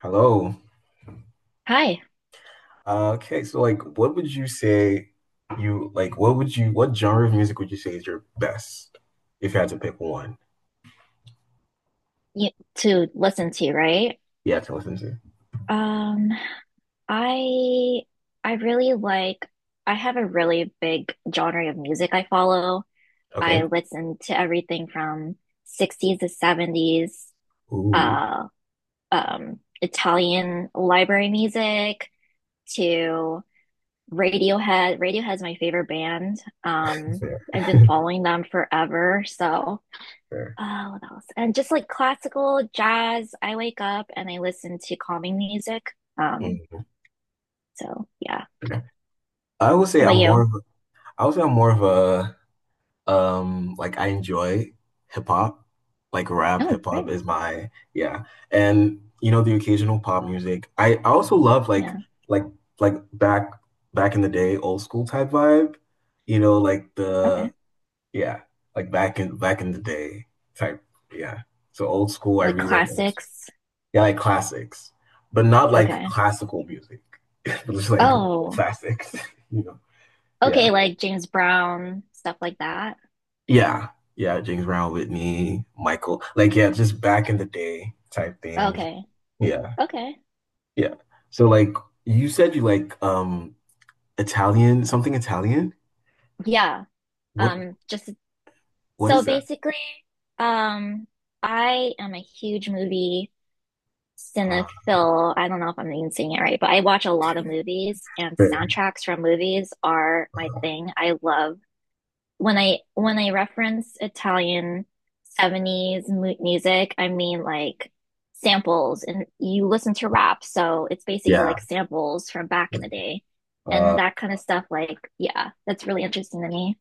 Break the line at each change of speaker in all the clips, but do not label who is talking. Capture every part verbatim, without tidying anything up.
Hello.
Hi,
Uh, okay, so like what would you say you like what would you what genre of music would you say is your best if you had to pick one
you, to listen to, right?
you had to listen to?
Um, I I really like I have a really big genre of music I follow. I
Okay.
listen to everything from sixties to seventies,
Ooh,
uh, um, Italian library music to Radiohead. Radiohead's my favorite band. Um,
fair.
I've been following them forever, so
Fair.
Uh, what else? And just like classical jazz, I wake up and I listen to calming music. Um,
Mm.
so yeah.
I would say
How about
I'm more
you?
of a, I would say I'm more of a Um, like I enjoy hip hop, like rap,
Oh,
hip hop
great.
is my yeah, And you know, the occasional pop music. I, I also love like
Yeah.
like like back back in the day, old school type vibe. You know, like
Okay.
the yeah, like back in back in the day type yeah. So old school, I
Like
really love old school.
classics.
Yeah, like classics, but not like
Okay.
classical music, but just like
Oh,
classics. You know, yeah.
okay. Like James Brown, stuff like that.
Yeah. Yeah, James Brown, Whitney, Michael. Like, yeah, just back in the day type things.
Okay.
Yeah.
Okay.
Yeah. So like you said you like um Italian, something Italian?
Yeah.
What
Um, just
what
so
is that?
basically, um, I am a huge movie
Uh,
cinephile. I don't know if I'm even saying it right, but I watch a lot of movies and
fair.
soundtracks from movies are my thing. I love when I when I reference Italian seventies mu music. I mean, like samples, and you listen to rap, so it's basically
Yeah.
like samples from back in the day.
Uh,
And that kind of stuff, like, yeah, that's really interesting to me.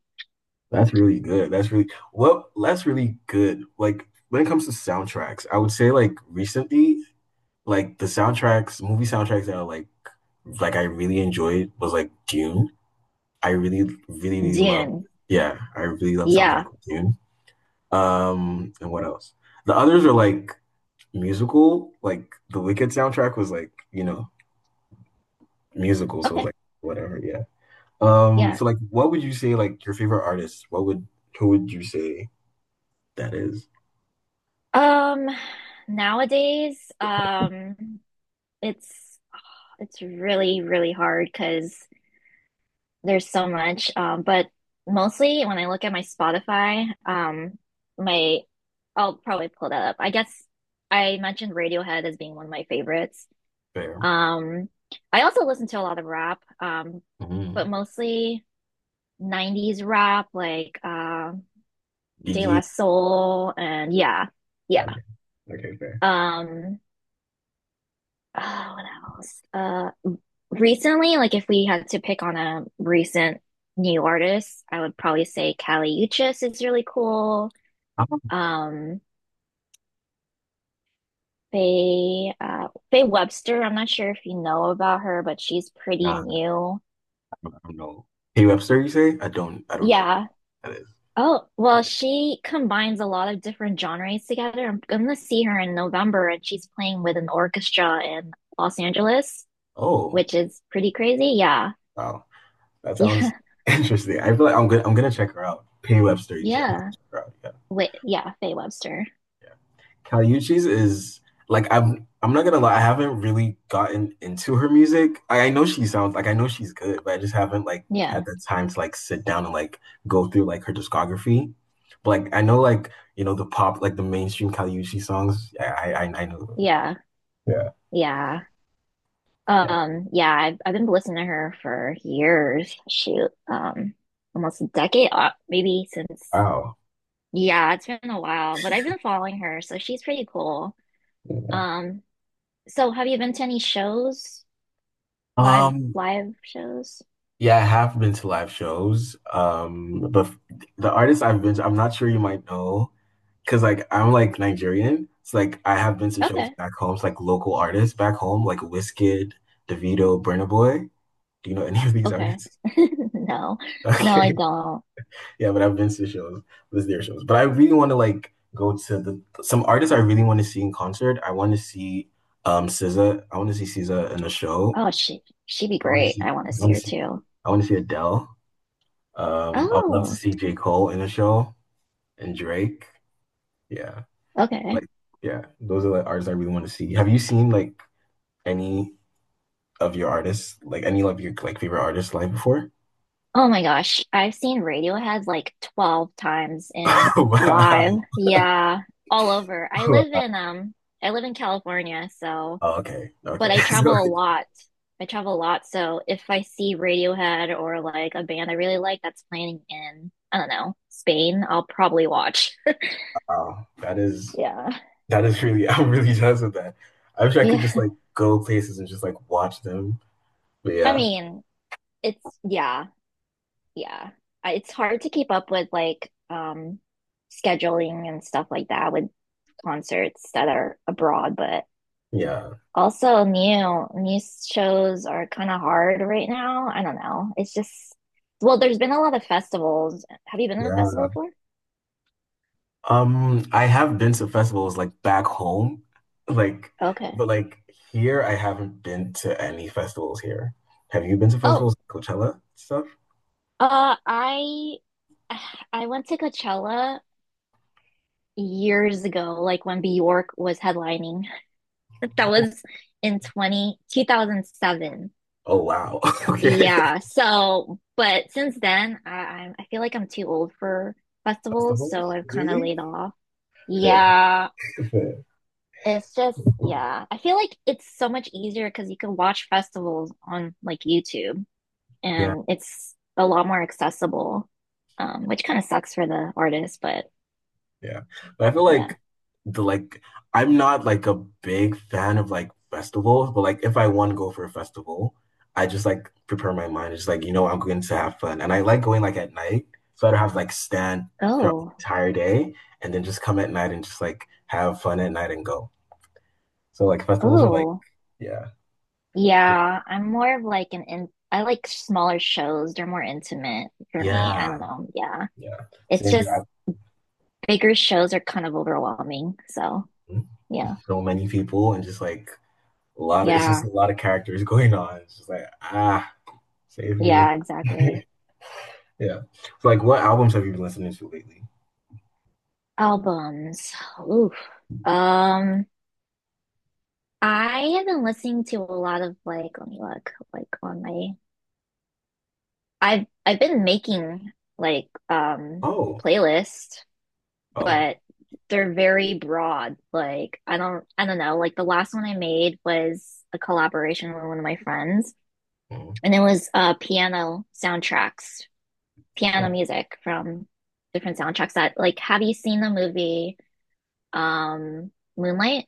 that's really good. That's really well, that's really good. Like when it comes to soundtracks, I would say like recently, like the soundtracks, movie soundtracks that are like like I really enjoyed was like Dune. I really, really, really love
Dune.
yeah, I really love soundtrack
Yeah.
of Dune. Um, and what else? The others are like musical. Like the Wicked soundtrack was like, you know, musical, so it was
Okay.
like whatever, yeah. Um,
Yeah.
so like what would you say like your favorite artist? What would who would you say that is?
Um, nowadays, um, it's it's really, really hard because there's so much. Um, but mostly when I look at my Spotify, um, my I'll probably pull that up. I guess I mentioned Radiohead as being one of my favorites.
Fair.
Um, I also listen to a lot of rap, um,
Mm-hmm.
but mostly nineties rap, like uh, De La
Gigi.
Soul, and yeah, yeah.
Okay, Okay, Fair.
Um, Oh, what else? Uh, recently, like if we had to pick on a recent new artist, I would probably say Kali Uchis is really cool.
I don't,
Um, Faye, uh, Faye Webster, I'm not sure if you know about her, but she's pretty
nah, I
new.
don't, I don't know. Hey Webster, you say? I don't I don't know who
Yeah.
that is.
Oh, well,
That is.
she combines a lot of different genres together. I'm gonna see her in November, and she's playing with an orchestra in Los Angeles,
Oh,
which is pretty crazy. Yeah.
wow. That
Yeah.
sounds interesting. I feel like I'm gonna I'm gonna check her out. Pay Webster, you say I'm gonna
Yeah.
check her out. Yeah.
Wait, yeah, Faye Webster.
Yeah. Caliucci's is like I'm I'm not gonna lie, I haven't really gotten into her music. I, I know she sounds like I know she's good, but I just haven't like had
Yeah,
the time to like sit down and like go through like her discography. But like I know like you know the pop like the mainstream Caliucci songs. I I I I know those.
yeah,
Yeah.
yeah.
Yeah.
Um, yeah, I've I've been listening to her for years. Shoot, um, almost a decade, uh, maybe since.
Wow.
Yeah, it's been a while, but I've been following her, so she's pretty cool. Um, so have you been to any shows, live
Um,
live shows?
yeah, I have been to live shows. Um, but f- the artists I've been to, I'm not sure you might know, because like I'm like Nigerian. It's like I have been to shows
Okay,
back home. It's like local artists back home, like Wizkid, Davido, Burna Boy. Do you know any of these
okay.
artists?
No, no, I
Okay.
don't.
Yeah, but I've been to shows, was their shows. But I really want to like go to the some artists I really want to see in concert. I want to see um SZA. I want to see SZA in a show.
Oh, she she'd be
I want to
great.
see
I want to
I
see
want to
her
see
too.
I want to see Adele. Um, I would love to
Oh,
see J. Cole in a show and Drake. Yeah.
okay.
Like, yeah, those are like artists I really want to see. Have you seen like any of your artists, like any of your like favorite artists live before?
Oh my gosh, I've seen Radiohead like twelve times in
Wow.
live. Yeah, all over. I live
Wow.
in um I live in California, so
Oh, okay.
but
Okay.
I
So,
travel a lot. I travel a lot, so if I see Radiohead or like a band I really like that's playing in, I don't know, Spain, I'll probably watch.
wow. That is
Yeah.
that is really I'm really jazzed with that. I wish I could just like
Yeah.
go places and just like watch them. But
I
yeah,
mean, it's yeah, yeah. I- It's hard to keep up with like um scheduling and stuff like that with concerts that are abroad, but
yeah,
also new new shows are kind of hard right now. I don't know. It's just well, there's been a lot of festivals. Have you been to a
yeah.
festival before?
Um, I have been to festivals like back home, like,
Okay.
but like here, I haven't been to any festivals here. Have you been to festivals,
Oh,
like Coachella stuff?
uh, I I went to Coachella years ago, like when Bjork was headlining. That was in twenty two thousand seven.
Oh wow. Okay.
Yeah. So, but since then, I, I'm I feel like I'm too old for festivals, so
Festivals?
I've kind of
Really?
laid off.
Fair,
Yeah,
fair.
it's just yeah. I feel like it's so much easier because you can watch festivals on like YouTube,
Yeah.
and it's a lot more accessible, um, which kind of sucks for the artist, but
Yeah. But I feel
yeah.
like the like I'm not like a big fan of like festivals, but like if I want to go for a festival, I just like prepare my mind. It's like, you know, I'm going to have fun. And I like going like at night. So I don't have to like stand throughout the
Oh,
entire day and then just come at night and just like have fun at night and go. So like festivals are like,
oh,
yeah.
yeah. I'm more of like an in I like smaller shows. They're more intimate for me. I
Yeah.
don't know. Yeah.
Yeah.
It's
Same
just
here. I've
bigger shows are kind of overwhelming. So yeah,
so many people and just like a lot of it's just
yeah,
a lot of characters going on. It's just like, ah, save me.
yeah, exactly.
Yeah. So, like, what albums have you been listening to lately?
Albums. Oof. Um, I have been listening to a lot of like, let me look, like on my, I've I've been making like um
Oh,
playlists,
oh,
but they're very broad. Like I don't I don't know. Like the last one I made was a collaboration with one of my friends,
mm,
and it was uh piano soundtracks, piano
oh.
music from different soundtracks that like have you seen the movie um Moonlight?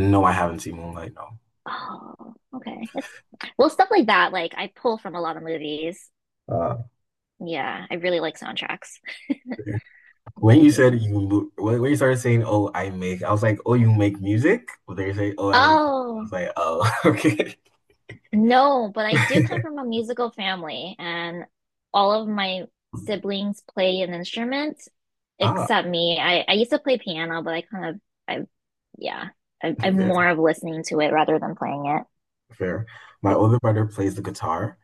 No, I haven't seen Moonlight. No.
Oh, okay. It's well, stuff like that, like I pull from a lot of movies.
Uh,
Yeah, I really like soundtracks.
when
But
you
yeah.
said you, mo- when, when you started saying, "Oh, I make," I was like, "Oh, you make music?" But then you say, "Oh, I make," I was
Oh,
like, "Oh, okay."
no, but I do come from a musical family, and all of my siblings play an instrument
Ah,
except me. I, I used to play piano, but I kind of I yeah, I, I'm
yeah,
more of listening to it rather than playing it.
fair. My
But
older brother plays the guitar,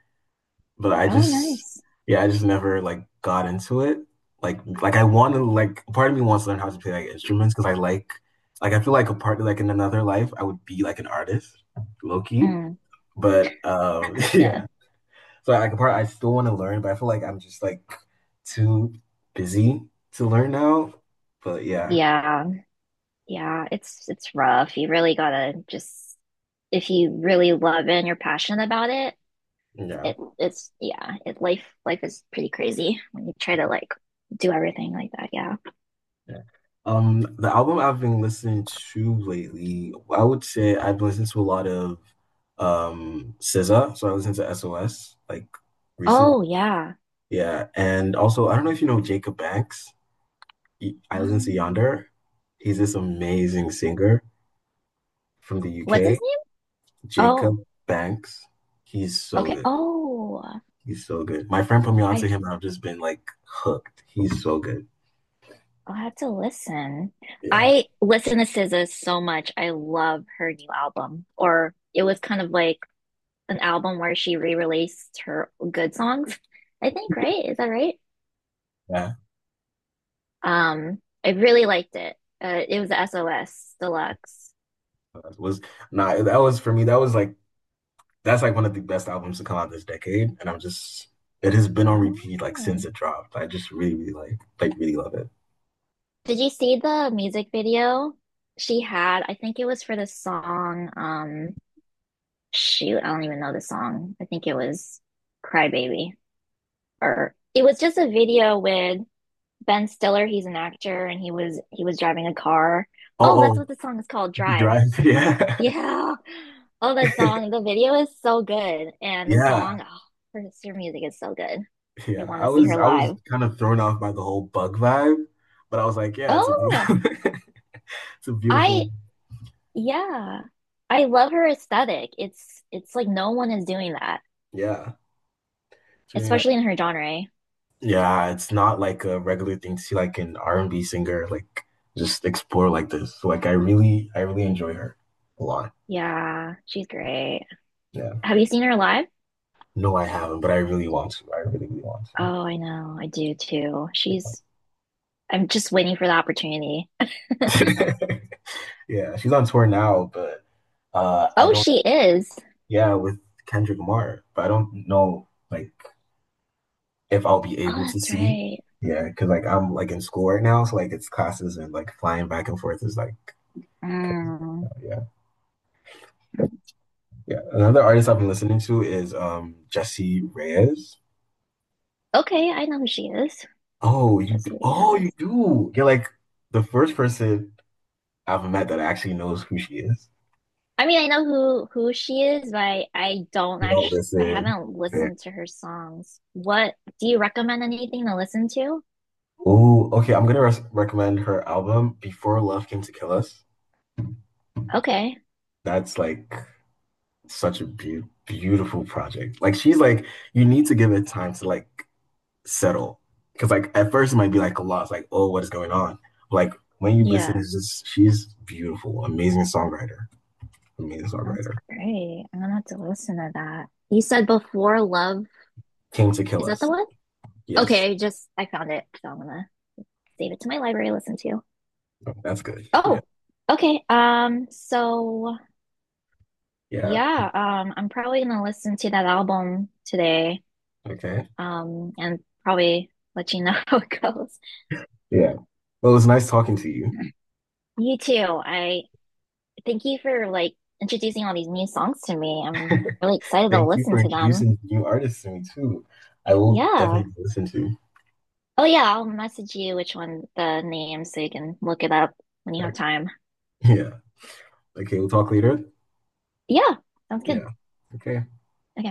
but I
oh,
just
nice.
yeah, I just never like got into it. Like like I want to like part of me wants to learn how to play like instruments because I like like I feel like a part like in another life I would be like an artist, low key.
Mm,
But um
yeah.
yeah. So like a part I still want to learn, but I feel like I'm just like too busy to learn now. But yeah.
Yeah. Yeah, it's it's rough. You really gotta just if you really love it and you're passionate about it,
Yeah.
it it's yeah, it life life is pretty crazy when you try to like do everything like that. Yeah.
Yeah. Um, the album I've been listening to lately, I would say I've been listening to a lot of um SZA, so I listened to S O S like recently.
Oh yeah.
Yeah, and also I don't know if you know Jacob Banks. He- I listen to
Um,
Yonder. He's this amazing singer from the
what's
U K.
his name?
Jacob
Oh,
Banks. He's so
okay.
good.
Oh,
He's so good. My friend put me onto
I
him, and I've just been like hooked. He's so good.
I'll have to listen.
Yeah,
I listen to S Z A so much. I love her new album. Or it was kind of like an album where she re-released her good songs, I think, right? Is that right?
yeah.
Um, I really liked it. Uh, it was the S O S Deluxe.
That was nah. That was for me. That was like that's like one of the best albums to come out this decade, and I'm just it has been on repeat like since
Oh.
it dropped. I just really, really like like really love it.
Did you see the music video she had? I think it was for the song, um, shoot, I don't even know the song. I think it was Cry Baby, or it was just a video with Ben Stiller. He's an actor, and he was he was driving a car. Oh, that's
Oh,
what the song is called,
oh,
Drive.
Drive, yeah,
Yeah. Oh, that song. The video is so good. And the
yeah,
song, oh, her, her music is so good. I
yeah.
want
I
to see
was
her
I was
live.
kind of thrown off by the whole bug vibe, but I was like, yeah, it's a
Oh,
beautiful, it's a
I
beautiful,
yeah. I love her aesthetic. It's it's like no one is doing that,
yeah, it's really nice.
especially in her genre.
Yeah, it's not like a regular thing to see like an R and B singer like just explore like this. So, like I really, I really enjoy her a lot.
Yeah, she's great.
Yeah,
Have you seen her live?
no, I haven't, but I really want to. I really, really want
Oh, I know. I do too.
to.
She's I'm just waiting for the opportunity.
Yeah, she's on tour now, but uh I
Oh,
don't
she is.
yeah, with Kendrick Lamar, but I don't know like if I'll be
Oh,
able to
that's
see.
right.
Yeah, because like I'm like in school right now, so like it's classes and like flying back and forth is like crazy.
Mm.
Yeah, yeah. Another artist I've been listening to is um Jesse Reyes.
Okay, I know who she is.
Oh, you d-
Jessica
oh
Biel.
you do. You're like the first person I've met that actually knows who she is.
I mean, I know who who she is, but I, I don't
You don't
actually I
listen.
haven't
Yeah.
listened to her songs. What do you recommend? Anything to listen to?
Oh, okay. I'm gonna res recommend her album Before Love Came to Kill Us.
Okay.
That's like such a be beautiful project. Like she's like, you need to give it time to like settle, because like at first it might be like a loss. Like oh, what is going on? Like when you listen,
Yeah,
it's just she's beautiful, amazing songwriter, amazing
that's
songwriter.
great. I'm gonna have to listen to that. You said Before Love.
Came to Kill
Is that the
Us.
one?
Yes,
Okay, I just I found it, so I'm gonna save it to my library, listen to.
that's good. Yeah,
Oh, okay. Um, so
yeah.
yeah, um, I'm probably gonna listen to that album today,
Okay,
um, and probably let you know how it goes.
yeah. Well, it's nice talking to you.
You too. I Thank you for like introducing all these new songs to me. I'm really excited to
Thank you
listen
for
to them.
introducing new artists to me too. I will
Yeah.
definitely listen to.
Oh yeah, I'll message you which one the name so you can look it up when you
Like,
have time.
yeah. Okay, we'll talk later.
Yeah, sounds good.
Yeah. Okay.
Okay.